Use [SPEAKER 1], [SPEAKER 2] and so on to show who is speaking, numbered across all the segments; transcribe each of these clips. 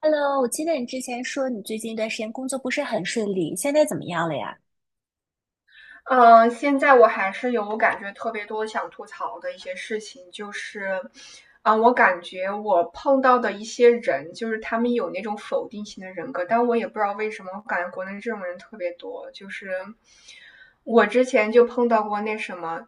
[SPEAKER 1] Hello,我记得你之前说你最近一段时间工作不是很顺利，现在怎么样了呀？
[SPEAKER 2] 嗯，现在我还是有感觉特别多想吐槽的一些事情，就是，啊、我感觉我碰到的一些人，就是他们有那种否定型的人格，但我也不知道为什么，我感觉国内这种人特别多。就是我之前就碰到过那什么，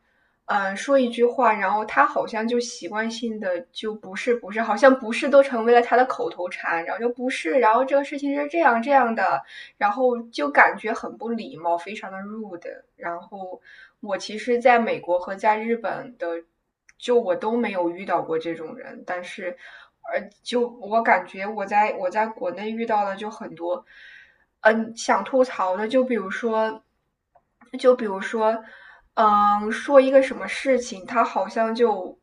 [SPEAKER 2] 嗯，说一句话，然后他好像就习惯性的就不是不是，好像不是都成为了他的口头禅，然后就不是，然后这个事情是这样的，然后就感觉很不礼貌，非常的 rude。然后我其实在美国和在日本的，就我都没有遇到过这种人，但是，就我感觉我在国内遇到的就很多，嗯，想吐槽的，就比如说，就比如说，嗯，说一个什么事情，他好像就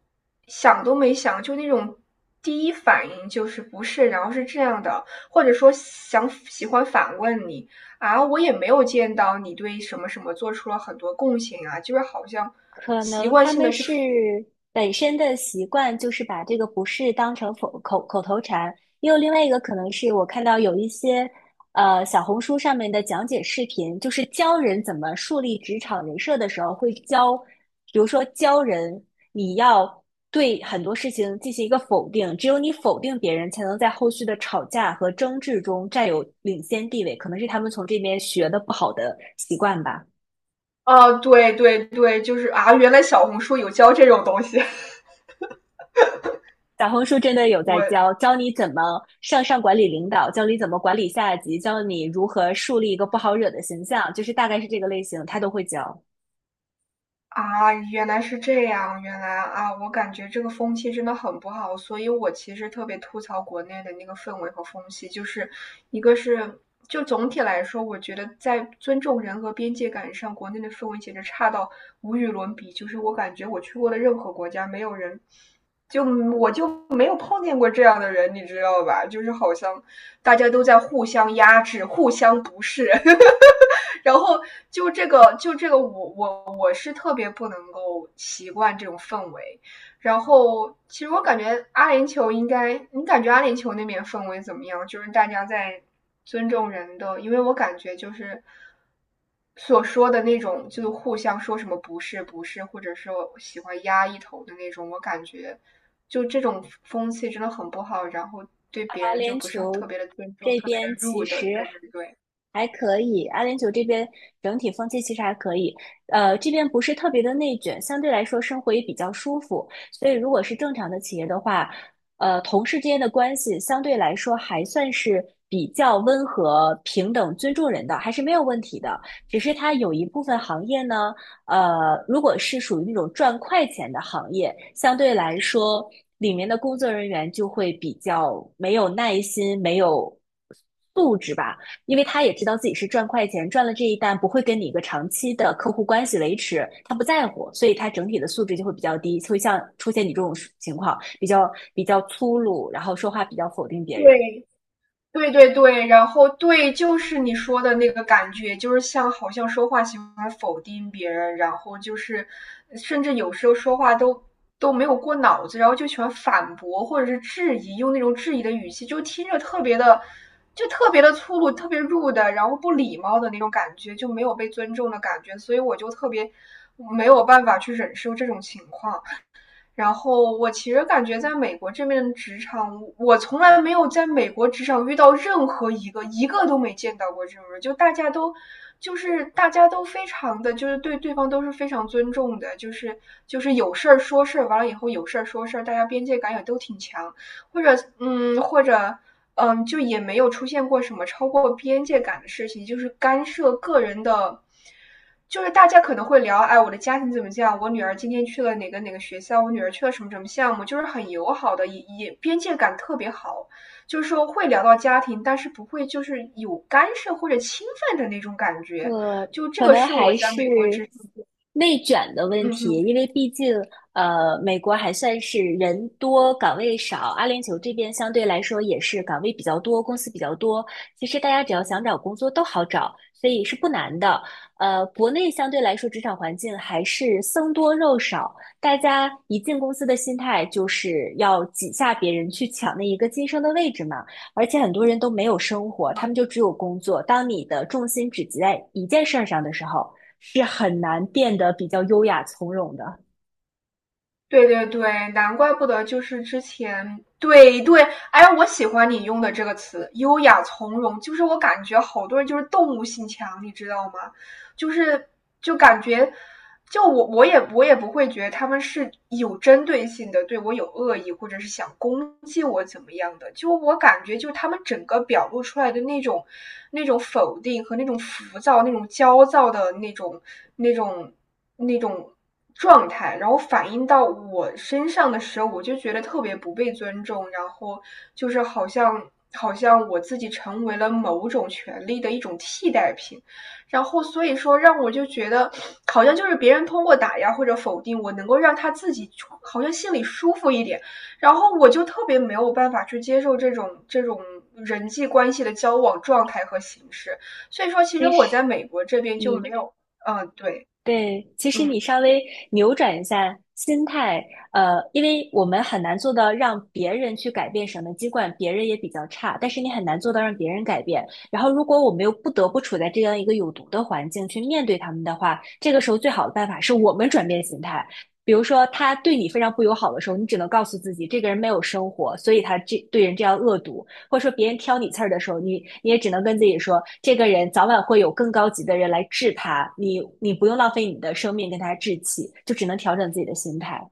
[SPEAKER 2] 想都没想，就那种第一反应就是不是，然后是这样的。或者说想喜欢反问你啊，我也没有见到你对什么什么做出了很多贡献啊，就是好像
[SPEAKER 1] 可
[SPEAKER 2] 习
[SPEAKER 1] 能
[SPEAKER 2] 惯
[SPEAKER 1] 他
[SPEAKER 2] 性
[SPEAKER 1] 们
[SPEAKER 2] 的去，
[SPEAKER 1] 是本身的习惯，就是把这个不适当成否口口头禅。也有另外一个可能是我看到有一些小红书上面的讲解视频，就是教人怎么树立职场人设的时候，会教，比如说教人你要对很多事情进行一个否定，只有你否定别人，才能在后续的吵架和争执中占有领先地位。可能是他们从这边学的不好的习惯吧。
[SPEAKER 2] 啊，对对对，就是啊，原来小红书有教这种东西，
[SPEAKER 1] 小红书真的有在教，教你怎么上管理领导，教你怎么管理下级，教你如何树立一个不好惹的形象，就是大概是这个类型，他都会教。
[SPEAKER 2] 啊，原来是这样，原来啊，我感觉这个风气真的很不好，所以我其实特别吐槽国内的那个氛围和风气，就是一个是就总体来说，我觉得在尊重人和边界感上，国内的氛围简直差到无与伦比，就是我感觉我去过的任何国家，没有人。就我就没有碰见过这样的人，你知道吧？就是好像大家都在互相压制、互相不是。然后就这个我，我是特别不能够习惯这种氛围。然后，其实我感觉阿联酋应该，你感觉阿联酋那边氛围怎么样？就是大家在尊重人的，因为我感觉就是所说的那种，就是互相说什么不是不是，或者是我喜欢压一头的那种，我感觉就这种风气真的很不好。然后对别
[SPEAKER 1] 啊，
[SPEAKER 2] 人就
[SPEAKER 1] 联
[SPEAKER 2] 不是
[SPEAKER 1] 酋
[SPEAKER 2] 特别的尊重，
[SPEAKER 1] 这
[SPEAKER 2] 特别的
[SPEAKER 1] 边其
[SPEAKER 2] rude，
[SPEAKER 1] 实
[SPEAKER 2] 对对对。
[SPEAKER 1] 还可以，阿联酋这边整体风气其实还可以，这边不是特别的内卷，相对来说生活也比较舒服，所以如果是正常的企业的话，同事之间的关系相对来说还算是比较温和、平等、尊重人的，还是没有问题的。只是它有一部分行业呢，如果是属于那种赚快钱的行业，相对来说里面的工作人员就会比较没有耐心，没有。素质吧。因为他也知道自己是赚快钱，赚了这一单不会跟你一个长期的客户关系维持，他不在乎，所以他整体的素质就会比较低，会像出现你这种情况，比较粗鲁，然后说话比较否定别人。
[SPEAKER 2] 对，对对对，然后对，就是你说的那个感觉，就是像好像说话喜欢否定别人，然后就是甚至有时候说话都没有过脑子，然后就喜欢反驳或者是质疑，用那种质疑的语气，就听着特别的，就特别的粗鲁，特别 rude 的，然后不礼貌的那种感觉，就没有被尊重的感觉，所以我就特别没有办法去忍受这种情况。然后我其实感觉在美国这边的职场，我从来没有在美国职场遇到任何一个，一个都没见到过这种人，就大家都。就是大家都非常的，就是对对方都是非常尊重的，就是就是有事儿说事儿，完了以后有事儿说事儿，大家边界感也都挺强。或者或者就也没有出现过什么超过边界感的事情，就是干涉个人的，就是大家可能会聊，哎，我的家庭怎么这样？我女儿今天去了哪个哪个学校？我女儿去了什么什么项目？就是很友好的，也也边界感特别好，就是说会聊到家庭，但是不会就是有干涉或者侵犯的那种感
[SPEAKER 1] 呃，
[SPEAKER 2] 觉。就这
[SPEAKER 1] 可
[SPEAKER 2] 个
[SPEAKER 1] 能
[SPEAKER 2] 是我
[SPEAKER 1] 还
[SPEAKER 2] 在美国
[SPEAKER 1] 是
[SPEAKER 2] 之，
[SPEAKER 1] 内卷的问
[SPEAKER 2] 嗯
[SPEAKER 1] 题，
[SPEAKER 2] 哼。
[SPEAKER 1] 因为毕竟美国还算是人多岗位少，阿联酋这边相对来说也是岗位比较多，公司比较多。其实大家只要想找工作都好找，所以是不难的。国内相对来说职场环境还是僧多肉少，大家一进公司的心态就是要挤下别人去抢那一个晋升的位置嘛。而且很多人都没有生活，他们就只有工作。当你的重心只集在一件事儿上的时候，是很难变得比较优雅从容的。
[SPEAKER 2] 对对对，难怪不得就是之前，对对，哎，我喜欢你用的这个词“优雅从容”，就是我感觉好多人就是动物性强，你知道吗？就是就感觉，就我也不会觉得他们是有针对性的对我有恶意，或者是想攻击我怎么样的。就我感觉，就他们整个表露出来的那种那种否定和那种浮躁、那种焦躁的那种那种状态，然后反映到我身上的时候，我就觉得特别不被尊重，然后就是好像。好像我自己成为了某种权利的一种替代品，然后所以说让我就觉得，好像就是别人通过打压或者否定我，能够让他自己好像心里舒服一点。然后我就特别没有办法去接受这种人际关系的交往状态和形式。所以说，其实
[SPEAKER 1] 其
[SPEAKER 2] 我
[SPEAKER 1] 实
[SPEAKER 2] 在美国这边就没
[SPEAKER 1] 你
[SPEAKER 2] 有，嗯，对，
[SPEAKER 1] 对，其实你
[SPEAKER 2] 嗯。
[SPEAKER 1] 稍微扭转一下心态，因为我们很难做到让别人去改变什么籍贯，尽管别人也比较差，但是你很难做到让别人改变。然后，如果我们又不得不处在这样一个有毒的环境去面对他们的话，这个时候最好的办法是我们转变心态。比如说，他对你非常不友好的时候，你只能告诉自己，这个人没有生活，所以他这对人这样恶毒。或者说别人挑你刺儿的时候，你也只能跟自己说，这个人早晚会有更高级的人来治他，你不用浪费你的生命跟他置气，就只能调整自己的心态。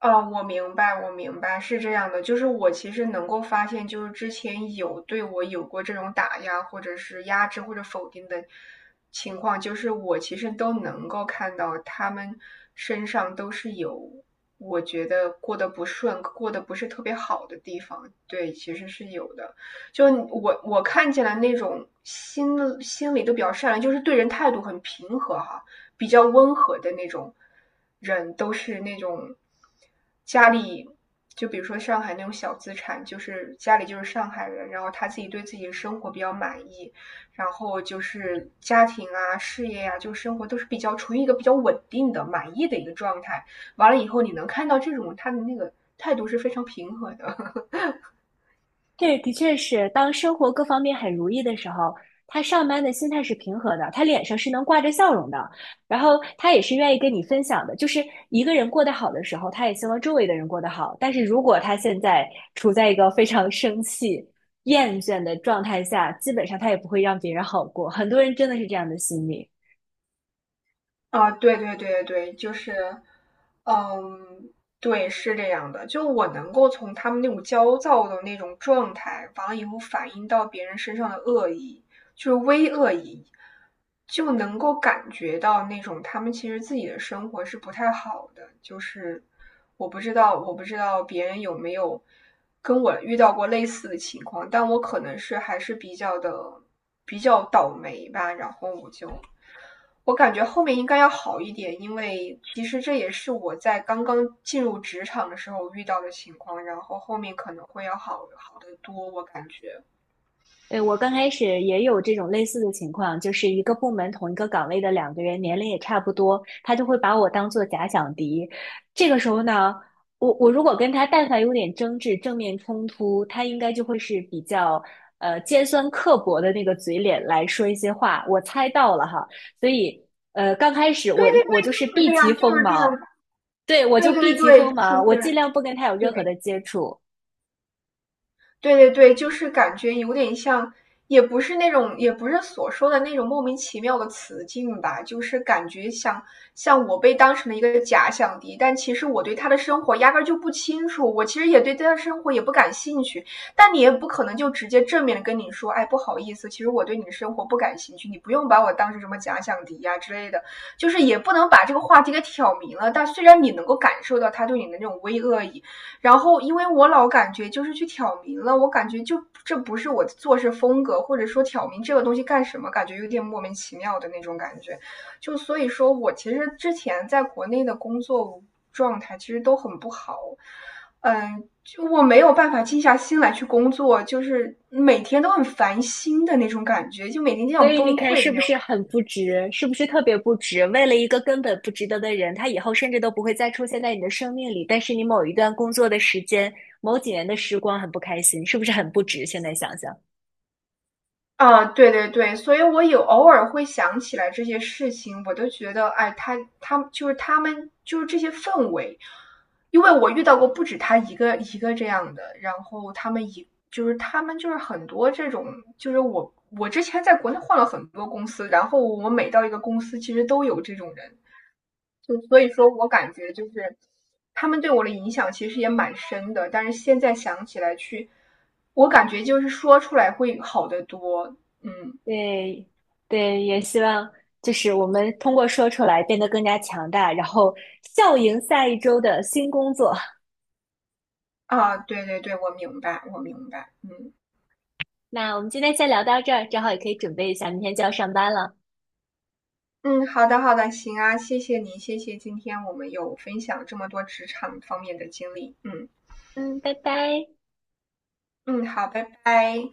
[SPEAKER 2] 哦，我明白，我明白，是这样的，就是我其实能够发现，就是之前有对我有过这种打压，或者是压制或者否定的情况，就是我其实都能够看到他们身上都是有我觉得过得不顺、过得不是特别好的地方，对，其实是有的。就我看起来那种心里都比较善良，就是对人态度很平和哈，比较温和的那种人，都是那种家里，就比如说上海那种小资产，就是家里就是上海人，然后他自己对自己的生活比较满意，然后就是家庭啊、事业啊，就生活都是比较处于一个比较稳定的、满意的一个状态。完了以后，你能看到这种他的那个态度是非常平和的。
[SPEAKER 1] 对，的确是，当生活各方面很如意的时候，他上班的心态是平和的，他脸上是能挂着笑容的，然后他也是愿意跟你分享的。就是一个人过得好的时候，他也希望周围的人过得好。但是如果他现在处在一个非常生气、厌倦的状态下，基本上他也不会让别人好过。很多人真的是这样的心理。
[SPEAKER 2] 啊，对对对对，就是，嗯，对，是这样的。就我能够从他们那种焦躁的那种状态，完了以后反映到别人身上的恶意，就是微恶意，就能够感觉到那种他们其实自己的生活是不太好的。就是我不知道，我不知道别人有没有跟我遇到过类似的情况，但我可能是还是比较的比较倒霉吧，然后我就。我感觉后面应该要好一点，因为其实这也是我在刚刚进入职场的时候遇到的情况，然后后面可能会要好好得多，我感觉。
[SPEAKER 1] 对，我刚开始也有这种类似的情况，就是一个部门同一个岗位的两个人，年龄也差不多，他就会把我当做假想敌。这个时候呢，我如果跟他但凡有点争执、正面冲突，他应该就会是比较尖酸刻薄的那个嘴脸来说一些话。我猜到了哈，所以刚开始
[SPEAKER 2] 对
[SPEAKER 1] 我
[SPEAKER 2] 对
[SPEAKER 1] 我
[SPEAKER 2] 对，
[SPEAKER 1] 就是
[SPEAKER 2] 就是
[SPEAKER 1] 避
[SPEAKER 2] 这
[SPEAKER 1] 其
[SPEAKER 2] 样，就
[SPEAKER 1] 锋
[SPEAKER 2] 是这
[SPEAKER 1] 芒，
[SPEAKER 2] 样。
[SPEAKER 1] 对，我就
[SPEAKER 2] 对
[SPEAKER 1] 避
[SPEAKER 2] 对
[SPEAKER 1] 其锋
[SPEAKER 2] 对，其
[SPEAKER 1] 芒，我尽
[SPEAKER 2] 实
[SPEAKER 1] 量不跟他有任何
[SPEAKER 2] 对，
[SPEAKER 1] 的接触。
[SPEAKER 2] 对对对，就是感觉有点像，也不是那种，也不是所说的那种莫名其妙的词境吧，就是感觉像像我被当成了一个假想敌，但其实我对他的生活压根儿就不清楚，我其实也对他的生活也不感兴趣，但你也不可能就直接正面的跟你说，哎，不好意思，其实我对你的生活不感兴趣，你不用把我当成什么假想敌呀、之类的，就是也不能把这个话题给挑明了，但虽然你能够感受到他对你的那种微恶意，然后因为我老感觉就是去挑明了，我感觉就这不是我的做事风格，或者说挑明这个东西干什么，感觉有点莫名其妙的那种感觉。就所以说我其实之前在国内的工作状态其实都很不好，嗯，就我没有办法静下心来去工作，就是每天都很烦心的那种感觉，就每天就
[SPEAKER 1] 所
[SPEAKER 2] 想
[SPEAKER 1] 以你
[SPEAKER 2] 崩
[SPEAKER 1] 看，
[SPEAKER 2] 溃的
[SPEAKER 1] 是
[SPEAKER 2] 那
[SPEAKER 1] 不
[SPEAKER 2] 种
[SPEAKER 1] 是很不值？是不是特别不值？为了一个根本不值得的人，他以后甚至都不会再出现在你的生命里。但是你某一段工作的时间，某几年的时光很不开心，是不是很不值？现在想想，
[SPEAKER 2] 啊，对对对，所以我有偶尔会想起来这些事情，我都觉得，哎，他就是他们就是这些氛围，因为我遇到过不止他一个这样的，然后他们一就是他们就是很多这种，就是我之前在国内换了很多公司，然后我每到一个公司，其实都有这种人。就所以说我感觉就是他们对我的影响其实也蛮深的，但是现在想起来去，我感觉就是说出来会好得多。嗯
[SPEAKER 1] 对，对，也希望就是我们通过说出来变得更加强大，然后笑迎下一周的新工作。
[SPEAKER 2] 啊，对对对，我明白，我明白。嗯
[SPEAKER 1] 那我们今天先聊到这儿，正好也可以准备一下，明天就要上班了。
[SPEAKER 2] 嗯，好的好的，行啊，谢谢您，谢谢今天我们有分享这么多职场方面的经历。嗯
[SPEAKER 1] 嗯，拜拜。
[SPEAKER 2] 嗯，好，拜拜。